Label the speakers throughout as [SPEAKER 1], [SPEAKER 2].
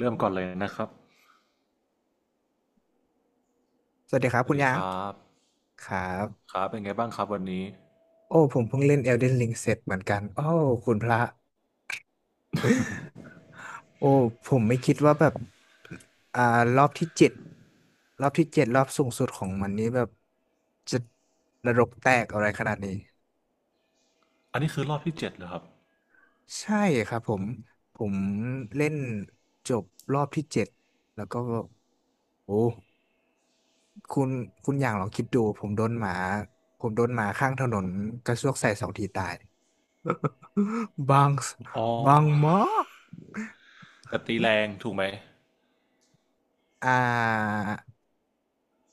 [SPEAKER 1] เริ่มก่อนเลยนะครับ
[SPEAKER 2] สวัสดีครั
[SPEAKER 1] ส
[SPEAKER 2] บ
[SPEAKER 1] วัส
[SPEAKER 2] คุณ
[SPEAKER 1] ดี
[SPEAKER 2] ยา
[SPEAKER 1] ค
[SPEAKER 2] ง
[SPEAKER 1] รับ
[SPEAKER 2] ครั
[SPEAKER 1] ค
[SPEAKER 2] บ
[SPEAKER 1] รับเป็นไงบ้างครับวันนี้
[SPEAKER 2] โอ้ผมเพิ่งเล่น Elden Ring เสร็จเหมือนกัน โอ้คุณพระ โอ้ผมไม่คิดว่าแบบอ่ารอบที่เจ็ดรอบสูงสุดของมันนี้แบบจะระรกแตกอะไรขนาดนี้
[SPEAKER 1] อันนี้คือรอบที่เจ็ดเหรอครับ
[SPEAKER 2] ใช่ครับผม ผมเล่นจบรอบที่เจ็ดแล้วก็ โอ้คุณคุณอย่างลองคิดดู ผมโดนหมาข้างถนนกระซวกใส่สองทีตาย บาง
[SPEAKER 1] อ๋อ
[SPEAKER 2] บางมาก
[SPEAKER 1] แต่ตีแรงถูกไหม
[SPEAKER 2] อ่า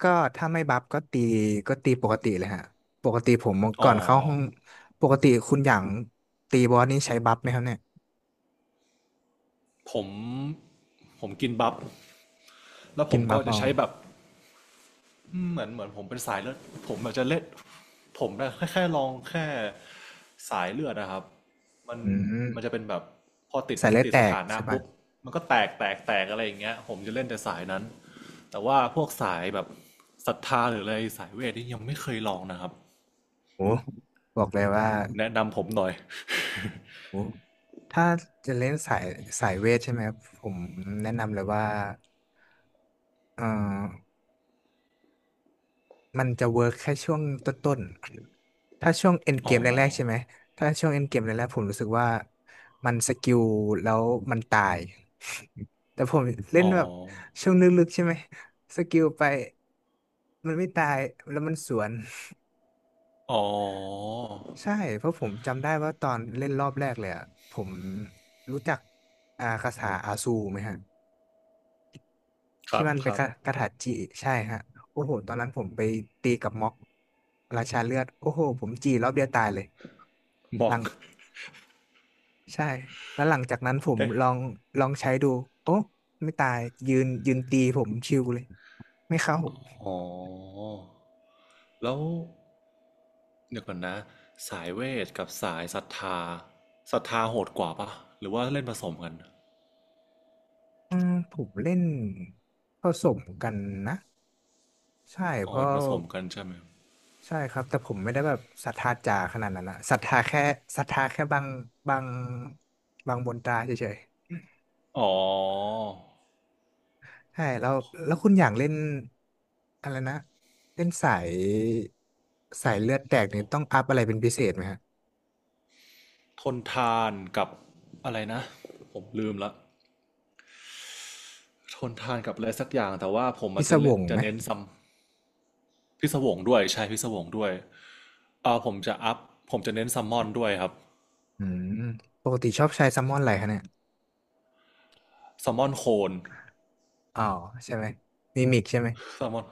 [SPEAKER 2] ก็ถ้าไม่บัฟก็ตีปกติเลยฮะปกติผม
[SPEAKER 1] อ๋
[SPEAKER 2] ก่อ
[SPEAKER 1] อ
[SPEAKER 2] นเข้าห้องปกติคุณอย่างตีบอสนี่ใช้บัฟไหมครับเนี่ย
[SPEAKER 1] ผม ผมกินบัฟแล้วผ
[SPEAKER 2] กิ
[SPEAKER 1] ม
[SPEAKER 2] นบั
[SPEAKER 1] ก็
[SPEAKER 2] ฟ
[SPEAKER 1] จะ
[SPEAKER 2] เอา
[SPEAKER 1] ใช้แบบ อืมเหมือนผมเป็นสายเลือดผมอาจจะเล่นผมนะแค่ลองแค่สายเลือดนะครับมัน
[SPEAKER 2] อื
[SPEAKER 1] มันจะ
[SPEAKER 2] ม
[SPEAKER 1] เป็นแบบพอติด
[SPEAKER 2] สายเลือด
[SPEAKER 1] ติด
[SPEAKER 2] แต
[SPEAKER 1] ส
[SPEAKER 2] ก
[SPEAKER 1] ถานะ
[SPEAKER 2] ใช่ปะ
[SPEAKER 1] ปุ๊บมันก็แตกอะไรอย่างเงี้ยผมจะเล่นแต่สายนั้นแต่ว่าพวกสายแบบศรัทธาหรืออะไรสายเวทนี่ยังไม่เคยลองนะครับ
[SPEAKER 2] โอ้บอกเลยว่า
[SPEAKER 1] แนะนำผมหน่อย
[SPEAKER 2] โอ้ถ้าจะเล่นสายเวทใช่ไหมครับผมแนะนำเลยว่าเอ่อ มันจะเวิร์กแค่ช่วงต้นๆถ้าช่วงเอ็นเก
[SPEAKER 1] อ๋อ
[SPEAKER 2] มแรกๆใช่ไหมถ้าช่วงเอ็นเกมแรกๆผมรู้สึกว่ามันสกิลแล้วมันตาย แต่ผมเล่
[SPEAKER 1] อ๋
[SPEAKER 2] น
[SPEAKER 1] อ
[SPEAKER 2] แบบช่วงลึกๆใช่ไหมสกิลไปมันไม่ตายแล้วมันสวน
[SPEAKER 1] อ๋อ
[SPEAKER 2] ใช่ เพราะผมจำได้ว่าตอนเล่นรอบแรกเลยอะผมรู้จักคาถาอาซูไหมฮะ
[SPEAKER 1] ค
[SPEAKER 2] ที่
[SPEAKER 1] รับ
[SPEAKER 2] มัน
[SPEAKER 1] ค
[SPEAKER 2] เป็น
[SPEAKER 1] รับ
[SPEAKER 2] คาถาจิใช่ฮะโอ้โหตอนนั้นผมไปตีกับม็อกราชาเลือดโอ้โหผมจีรอบเดียวตายเลย
[SPEAKER 1] บ
[SPEAKER 2] ห
[SPEAKER 1] อ
[SPEAKER 2] ลั
[SPEAKER 1] ก
[SPEAKER 2] งใช่แล้วหลังจากนั้นผม
[SPEAKER 1] ได้
[SPEAKER 2] ลองลองใช้ดูโอ้ไม่ตายยืนตีผมชิวเลยไม่เข้า
[SPEAKER 1] อ๋อแล้ว เดี๋ยวก่อนนะสายเวทกับสายศรัทธาศรัทธาโหดกว่าปะหรือว่าเล่นผสมกัน
[SPEAKER 2] อืมผมเล่นผสมกันนะใช่
[SPEAKER 1] อ๋
[SPEAKER 2] เพ
[SPEAKER 1] อ
[SPEAKER 2] ราะ
[SPEAKER 1] เป็นผสมกันใช่ไหม
[SPEAKER 2] ใช่ครับแต่ผมไม่ได้แบบศรัทธาจ๋าขนาดนั้นนะศรัทธาแค่ศรัทธาแค่บางบางบางบนตราเฉย
[SPEAKER 1] อ๋อ
[SPEAKER 2] ๆใช่แล้วแล้วคุณอย่างเล่นอะไรนะเล่นสายเลือดแตกนี่ต้องอัพอะไรเป็นพิเศษไหมฮะ
[SPEAKER 1] ทนทานกับอะไรนะผมลืมละทนทานกับอะไรสักอย่างแต่ว่าผม
[SPEAKER 2] พิ
[SPEAKER 1] อาจ
[SPEAKER 2] ศ
[SPEAKER 1] จะ
[SPEAKER 2] ว
[SPEAKER 1] เล่น
[SPEAKER 2] ง
[SPEAKER 1] จะ
[SPEAKER 2] ไหม
[SPEAKER 1] เน้นซัมพิศวงด้วยใช่พิศวงด้วยผมจะอัพผมจะเน้นซัมมอนด้วยครับ
[SPEAKER 2] อืมปกติชอบใช้แซลมอนอะไรคะเนี่ย
[SPEAKER 1] ซัมมอนโคน
[SPEAKER 2] อ๋อใช่ไหมมีมิกใช่ไหม
[SPEAKER 1] ซัมมอน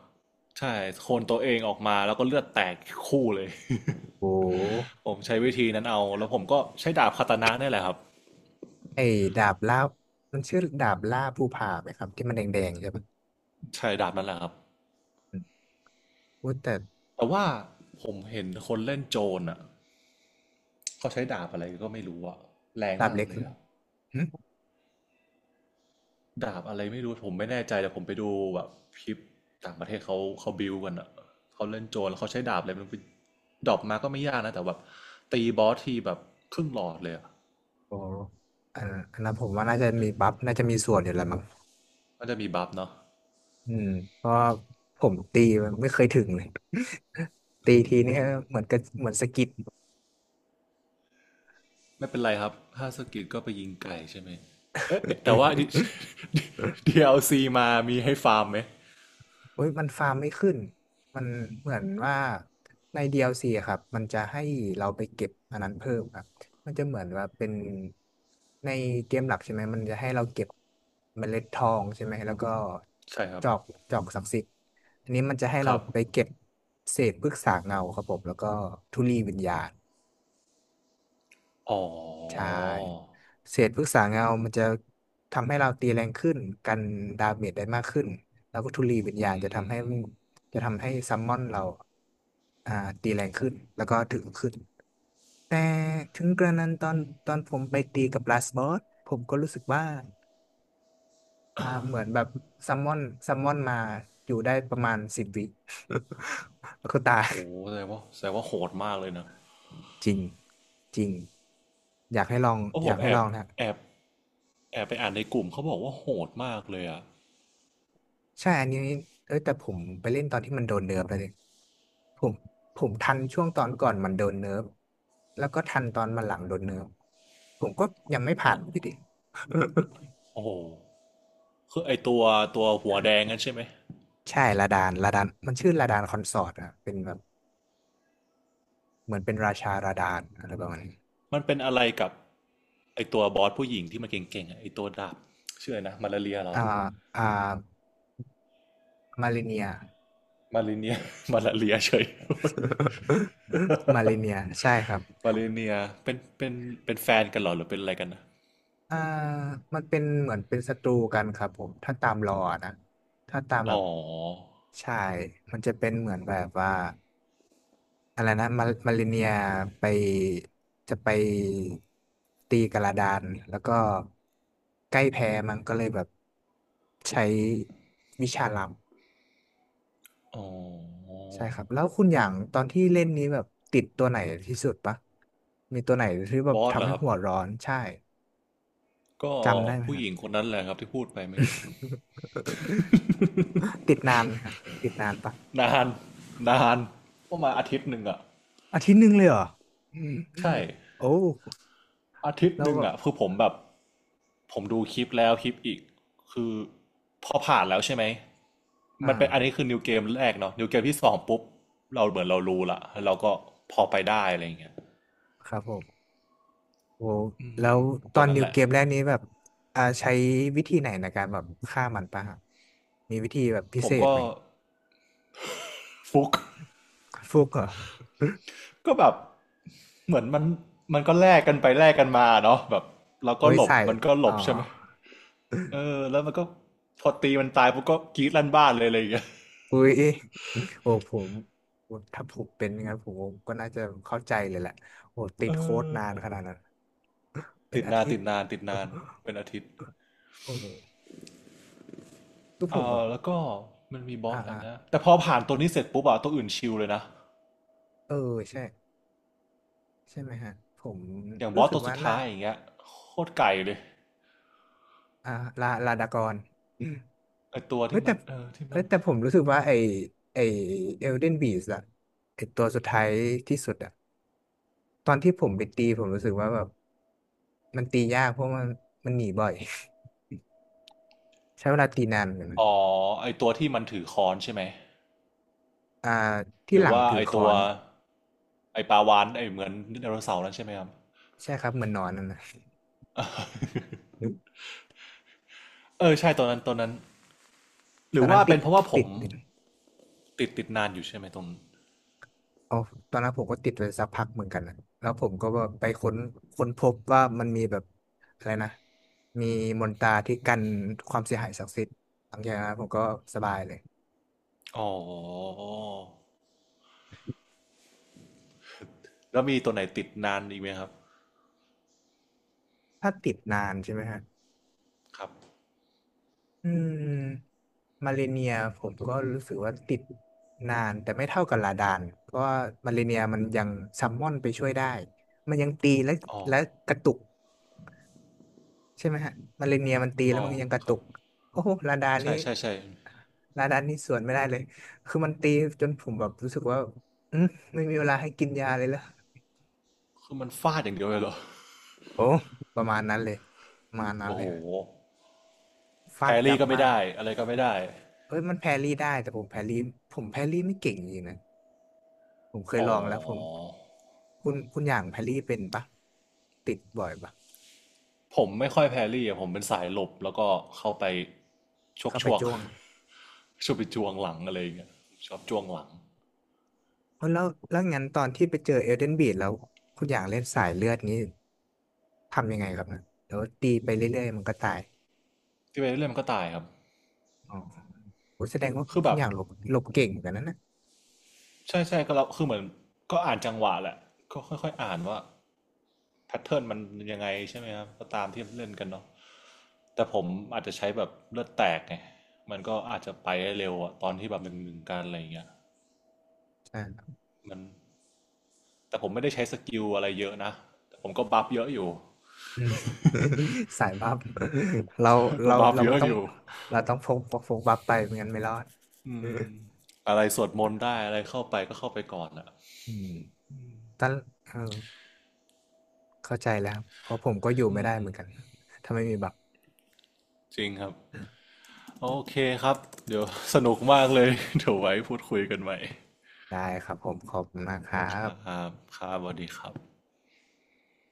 [SPEAKER 1] ใช่โคนตัวเองออกมาแล้วก็เลือดแตกคู่เลย
[SPEAKER 2] โอ้
[SPEAKER 1] ผมใช้วิธีนั้นเอาแล้วผมก็ใช้ดาบคาตานะนี่แหละครับ
[SPEAKER 2] ไอ้ดาบล่ามันชื่อดาบล่าภูผาไหมครับที่มันแดงๆใช่ปะ
[SPEAKER 1] ใช่ดาบนั่นแหละครับ
[SPEAKER 2] อืมพูดแต่
[SPEAKER 1] แต่ว่าผมเห็นคนเล่นโจรอ่ะเขาใช้ดาบอะไรก็ไม่รู้อ่ะแรง
[SPEAKER 2] ดาบ
[SPEAKER 1] มาก
[SPEAKER 2] เล็ก
[SPEAKER 1] เลยอ่ะ
[SPEAKER 2] อืม
[SPEAKER 1] ดาบอะไรไม่รู้ผมไม่แน่ใจแต่ผมไปดูแบบคลิปต่างประเทศเขาบิวกันอ่ะเขาเล่นโจรแล้วเขาใช้ดาบอะไรไมันไปดรอปมาก็ไม่ยากนะแต่แบบตีบอสทีแบบครึ่งหลอดเลยอ่ะ
[SPEAKER 2] โอ้อันอันนั้นผมว่าน่าจะ
[SPEAKER 1] เอ้
[SPEAKER 2] มี
[SPEAKER 1] ย
[SPEAKER 2] บัฟน่าจะมีส่วนอยู่แหล้วมั้ง
[SPEAKER 1] มันจะมีบัฟเนาะ
[SPEAKER 2] อืมเพราะผมตีมันไม่เคยถึงเลย ตีทีนี่เหมือนกับเหมือนสะกิด
[SPEAKER 1] ไม่เป็นไรครับถ้าสกิลก็ไปยิงไก่ใช่ไหมเอ๊ะแต่ว่า DLC มามีให้ฟาร์มไหม
[SPEAKER 2] เอ้ยมันฟาร์มไม่ขึ้นมันเหมือนว่าใน DLC อลซีอะครับมันจะให้เราไปเก็บอันนั้นเพิ่มครับมันจะเหมือนว่าเป็นในเกมหลักใช่ไหม มันจะให้เราเก็บเมล็ดทองใช่ไหมแล้วก็
[SPEAKER 1] ใช่ครั
[SPEAKER 2] จ
[SPEAKER 1] บ
[SPEAKER 2] อกจอกศักดิ์สิทธิ์อันนี้มันจะให้
[SPEAKER 1] ค
[SPEAKER 2] เรา
[SPEAKER 1] รับ
[SPEAKER 2] ไปเก็บเศษพฤกษาเงาครับผมแล้วก็ธุลีวิญญาณ
[SPEAKER 1] อ๋
[SPEAKER 2] ใช่
[SPEAKER 1] อ
[SPEAKER 2] เศษพฤกษาเงามันจะทำให้เราตีแรงขึ้นกันดาเมจได้มากขึ้นแล้วก็ธุลีวิญญาณจะทำให้จะทำให้ซัมมอนเราอ่าตีแรงขึ้นแล้วก็ถึงขึ้นแต่ถึงกระนั้นตอนผมไปตีกับลาสบอสผมก็รู้สึกว่าเหมือนแบบซัมมอนซัมมอนมาอยู่ได้ประมาณสิบวิ แล้วก็ตาย
[SPEAKER 1] โอ้แสดงว่าแสดงว่าโหดมากเลยนะ
[SPEAKER 2] จริงจริงอยากให้ลอง
[SPEAKER 1] เพราะ
[SPEAKER 2] อ
[SPEAKER 1] ผ
[SPEAKER 2] ยา
[SPEAKER 1] ม
[SPEAKER 2] กให้
[SPEAKER 1] แอ
[SPEAKER 2] ล
[SPEAKER 1] บ
[SPEAKER 2] องนะ
[SPEAKER 1] แอบแอบไปอ่านในกลุ่มเขาบอกว่าโหดมากเลยอ่ะ
[SPEAKER 2] ใช่ อันนี้เออแต่ผมไปเล่นตอนที่มันโดนเนิร์ฟเลยผมผมทันช่วงตอนก่อนมันโดนเนิร์ฟแล้วก็ทันตอนมันหลังโดนเนิร์ฟผมก็ยังไม่ผ่านพี่ดิ
[SPEAKER 1] โอ้โหคือไอตัวตัวหัวแดงนั่นใช่ไหม
[SPEAKER 2] ใช่ลาดานมันชื่อลาดานคอนสอร์ตอะเป็นแบบเหมือนเป็นราชาลาดานอะไรประมาณนี้
[SPEAKER 1] มันเป็นอะไรกับไอตัวบอสผู้หญิงที่มันเก่งๆอะไอตัวดาบชื่ออะไรนะมาลาเรียเหรา
[SPEAKER 2] อ่าอ่ามาเลเนีย
[SPEAKER 1] มาลิเนีย มาลาเรียเฉย
[SPEAKER 2] มาเลเนีย ใช่ครับ
[SPEAKER 1] มาลิเนียเป็นเป็นแฟนกันเหรอหรือเป็นอะไรกันนะ
[SPEAKER 2] อ่ามันเป็นเหมือนเป็นศัตรูกันครับผม ถ้าตามลอนะ ถ้าตามแบ
[SPEAKER 1] อ๋
[SPEAKER 2] บ
[SPEAKER 1] อ
[SPEAKER 2] ใช่ มันจะเป็นเหมือนแบบว่า อะไรนะมามาริเนียไปจะไปตีกระดานแล้วก็ใกล้แพ้มันก็เลยแบบใช้วิชาลับ
[SPEAKER 1] อ๋อ
[SPEAKER 2] ใช่ครับแล้วคุณอย่างตอนที่เล่นนี้แบบติดตัวไหนที่สุดปะมีตัวไหนที่แบ
[SPEAKER 1] บ
[SPEAKER 2] บ
[SPEAKER 1] อสเหร
[SPEAKER 2] ทำ
[SPEAKER 1] อ
[SPEAKER 2] ให้
[SPEAKER 1] ครับ
[SPEAKER 2] หัวร้อนใช่
[SPEAKER 1] ก็
[SPEAKER 2] จำได้ไหม
[SPEAKER 1] ผู้
[SPEAKER 2] ครั
[SPEAKER 1] ห
[SPEAKER 2] บ
[SPEAKER 1] ญิงคนนั้นแหละครับที่พูดไปเมื่อกี้
[SPEAKER 2] ติดนานไหมครับติดนานปะ
[SPEAKER 1] นานนานประมาณอาทิตย์หนึ่งอะ
[SPEAKER 2] อาทิตย์หนึ่งเลยเหรออืม
[SPEAKER 1] ใช่
[SPEAKER 2] โอ้
[SPEAKER 1] อาทิต
[SPEAKER 2] แล้
[SPEAKER 1] ย์ห
[SPEAKER 2] ว
[SPEAKER 1] นึ่ง
[SPEAKER 2] แบบ
[SPEAKER 1] อะคือผมแบบผมดูคลิปแล้วคลิปอีกคือพอผ่านแล้วใช่ไหม
[SPEAKER 2] อ
[SPEAKER 1] มันเป็นอันนี้
[SPEAKER 2] ่า
[SPEAKER 1] คือนิวเกมแรกเนาะนิวเกมที่สองปุ๊บเราเหมือนเรารู้ละแล้วเราก็พอไปได้อะไรอย่างเงี้ย
[SPEAKER 2] ครับผม โอ้แล้วตอ
[SPEAKER 1] ตัว
[SPEAKER 2] น
[SPEAKER 1] นั้น
[SPEAKER 2] นิว
[SPEAKER 1] แหละ
[SPEAKER 2] เกมแรกนี้แบบใช้วิธีไหนในการแบบฆ่ามันปะฮะมีวิธีแบบพิ
[SPEAKER 1] ผ
[SPEAKER 2] เศ
[SPEAKER 1] ม
[SPEAKER 2] ษ
[SPEAKER 1] ก็
[SPEAKER 2] ไหม
[SPEAKER 1] ฟุก
[SPEAKER 2] ฟุกเหรอ
[SPEAKER 1] ก็แบบเหมือนมันก็แลกกันไปแลกกันมาเนาะแบบเรา
[SPEAKER 2] โอ้
[SPEAKER 1] ก็
[SPEAKER 2] ย
[SPEAKER 1] หลบ
[SPEAKER 2] ใส่
[SPEAKER 1] มันก็หล
[SPEAKER 2] อ๋อ
[SPEAKER 1] บใช่ไหมเออแล้วมันก็พอตีมันตายปุ๊บก็กรี๊ดลั่นบ้านเลยอะไรอย่างเงี้ย
[SPEAKER 2] อุ้ยโอ้ผมถ้าผมเป็นอย่างนั้นผมก็น่าจะเข้าใจเลยแหละโอ้ติ
[SPEAKER 1] เอ
[SPEAKER 2] ดโค้ด
[SPEAKER 1] อ
[SPEAKER 2] นานขนาดนั้นเป็น
[SPEAKER 1] ติด
[SPEAKER 2] อา
[SPEAKER 1] นาน
[SPEAKER 2] ทิต
[SPEAKER 1] ติ
[SPEAKER 2] ย์
[SPEAKER 1] ดนานติดนานเป็นอาทิตย์
[SPEAKER 2] โอ้โหคือผ
[SPEAKER 1] เอ
[SPEAKER 2] มแบบ
[SPEAKER 1] อแล้วก็มันมีบอ
[SPEAKER 2] อ่า
[SPEAKER 1] สอะไร
[SPEAKER 2] อ่า
[SPEAKER 1] นะแต่พอผ่านตัวนี้เสร็จปุ๊บอะตัวอื่นชิลเลยนะ
[SPEAKER 2] เออใช่ใช่ไหมฮะผม
[SPEAKER 1] อย่างบ
[SPEAKER 2] รู้
[SPEAKER 1] อส
[SPEAKER 2] สึก
[SPEAKER 1] ตัวสุ
[SPEAKER 2] ว่า
[SPEAKER 1] ด
[SPEAKER 2] น่า
[SPEAKER 1] ท้ายอย่างเงี้ยโคตรไก่เลย
[SPEAKER 2] อ่าลาดากร
[SPEAKER 1] ไอตัว
[SPEAKER 2] เอ้ย
[SPEAKER 1] ที่มั
[SPEAKER 2] แต่
[SPEAKER 1] นเออที่มัน
[SPEAKER 2] ผมรู้สึกว่าไอเอลเดนบีสอะไอตัวสุดท้ายที่สุดอะตอนที่ผมไปตีผมรู้สึกว่าแบบมันตียากเพราะมันหนีบ่อย ใช้เวลาตีนานเหมือนกันนะ
[SPEAKER 1] อ๋อไอตัวที่มันถือค้อนใช่ไหม
[SPEAKER 2] อ่าที่
[SPEAKER 1] หรื
[SPEAKER 2] ห
[SPEAKER 1] อ
[SPEAKER 2] ลัง
[SPEAKER 1] ว่า
[SPEAKER 2] ถื
[SPEAKER 1] ไอ
[SPEAKER 2] อค้
[SPEAKER 1] ตั
[SPEAKER 2] อ
[SPEAKER 1] ว
[SPEAKER 2] น
[SPEAKER 1] ไอปลาวานไอเหมือนไดโนเสาร์นั่นใช่ไหมครับ
[SPEAKER 2] ใช่ครับเหมือนนอนนั่นนะ
[SPEAKER 1] เออใช่ตัวนั้นตัวนั้นห
[SPEAKER 2] ต
[SPEAKER 1] รื
[SPEAKER 2] อ
[SPEAKER 1] อ
[SPEAKER 2] นนั้น
[SPEAKER 1] ว่า
[SPEAKER 2] ติ
[SPEAKER 1] เป็
[SPEAKER 2] ด
[SPEAKER 1] นเพราะว่าผ
[SPEAKER 2] ติ
[SPEAKER 1] ม
[SPEAKER 2] ด
[SPEAKER 1] ติดนานอยู่ใช่ไหมตรง
[SPEAKER 2] เอาตอนนั้นผมก็ติดไปสักพักเหมือนกันนะแล้วผมก็ว่าไปค้นพบว่ามันมีแบบอะไรนะมีมนตราที่กันความเสียหายศักดิ์สิทธิ์หลังจากนั้นผมก็สบายเลย
[SPEAKER 1] อ๋อแล้วมีตัวไหนติดนานอีกไหมครับ
[SPEAKER 2] ถ้าติดนานใช่ไหมฮะ
[SPEAKER 1] ครับ
[SPEAKER 2] อืมมาเลเนียผมก็รู้สึกว่าติดนานแต่ไม่เท่ากับลาดานเพราะว่ามาเลเนียมันยังซัมมอนไปช่วยได้มันยังตีและ
[SPEAKER 1] อ๋อ
[SPEAKER 2] และกระตุกใช่ไหมฮะมาเลเนียมันตีแล้ว
[SPEAKER 1] อ๋อ
[SPEAKER 2] มันยังกระ
[SPEAKER 1] ค
[SPEAKER 2] ตุ
[SPEAKER 1] รับ
[SPEAKER 2] กโอ้โหลาดานนี่
[SPEAKER 1] ใช่ใช่ใช่
[SPEAKER 2] ลาดานนี่สวนไม่ได้เลยคือมันตีจนผมแบบรู้สึกว่าอืมไม่มีเวลาให้กินยาเลยเหรอ
[SPEAKER 1] คือมันฟาดอย่างเดียวเลยเหรอ
[SPEAKER 2] โอ้ประมาณนั้นเลยประมาณนั้น
[SPEAKER 1] โอ้
[SPEAKER 2] เล
[SPEAKER 1] โห
[SPEAKER 2] ยฮะ
[SPEAKER 1] แพ
[SPEAKER 2] ฟาด
[SPEAKER 1] ร
[SPEAKER 2] ยั
[SPEAKER 1] รี่
[SPEAKER 2] บ
[SPEAKER 1] ก็ไม่
[SPEAKER 2] มาก
[SPEAKER 1] ได้ อะไรก็ไม่ได้
[SPEAKER 2] เอ้ยมันแพรรี่ได้แต่ผมแพรรี่ผมแพรรี่ไม่เก่งจริงๆนะผมเคย
[SPEAKER 1] อ๋
[SPEAKER 2] ลองแล้วผม
[SPEAKER 1] อ
[SPEAKER 2] คุณอย่างแพรรี่เป็นปะติดบ่อยปะ
[SPEAKER 1] ผมไม่ค่อยแพรรี่อะผมเป็นสายหลบแล้วก็เข้าไปชก
[SPEAKER 2] เข้า
[SPEAKER 1] ช
[SPEAKER 2] ไป
[SPEAKER 1] วก
[SPEAKER 2] จ้วง
[SPEAKER 1] ชวกไปจวงหลังอะไรอย่างเงี้ยชอบจวงหลัง
[SPEAKER 2] เอ้ยแล้วงั้นตอนที่ไปเจอเอลเดนบีดแล้วคุณอย่างเล่นสายเลือดนี้ทำยังไงครับนะเดี๋ยวตีไปเรื่อยๆมันก็ตาย
[SPEAKER 1] ที่ไปเรื่อยมันก็ตายครับ
[SPEAKER 2] อ๋อโหแสดงว่า
[SPEAKER 1] คือ
[SPEAKER 2] คุ
[SPEAKER 1] แบ
[SPEAKER 2] ณ
[SPEAKER 1] บ
[SPEAKER 2] อย่างหลบหลบเก่งเหมือนกันนะ
[SPEAKER 1] ใช่ใช่ก็เราคือเหมือนก็อ่านจังหวะแหละก็ค่อยๆอ่านว่าแพทเทิร์นมันยังไงใช่ไหมครับก็ตามที่เล่นกันเนาะแต่ผมอาจจะใช้แบบเลือดแตกไงมันก็อาจจะไปได้เร็วอะตอนที่แบบหนึ่งหนึ่งกันอะไรอย่างเงี้ย
[SPEAKER 2] ใช่ ครับ
[SPEAKER 1] มัน แต่ผมไม่ได้ใช้สกิลอะไรเยอะนะแต่ผมก็บัฟเยอะอยู่
[SPEAKER 2] อืม สายบัฟเรา
[SPEAKER 1] ก็บัฟ
[SPEAKER 2] เรา
[SPEAKER 1] เย
[SPEAKER 2] ไม่
[SPEAKER 1] อะ
[SPEAKER 2] ต้อ
[SPEAKER 1] อ
[SPEAKER 2] ง
[SPEAKER 1] ยู่
[SPEAKER 2] เราต้องพกบัฟไปไม่งั้นไม่รอดอ
[SPEAKER 1] อะไรสวดมนต์ได้ อะไรเข้าไปก็เข้าไปก่อนอะ
[SPEAKER 2] ืมตอนเออ เข้าใจแล้วครับเพราะผมก็อยู่ไม่ได้เหมือนกันถ้าไม่มีบัตร
[SPEAKER 1] จริงครับ โอเคครับ เดี๋ยวสนุกมากเลย เดี๋ยวไว้พูดคุยกันใหม่
[SPEAKER 2] ได้ครับผมขอบคุณมากครั
[SPEAKER 1] ครั
[SPEAKER 2] บ
[SPEAKER 1] บครับสวัสดีครับ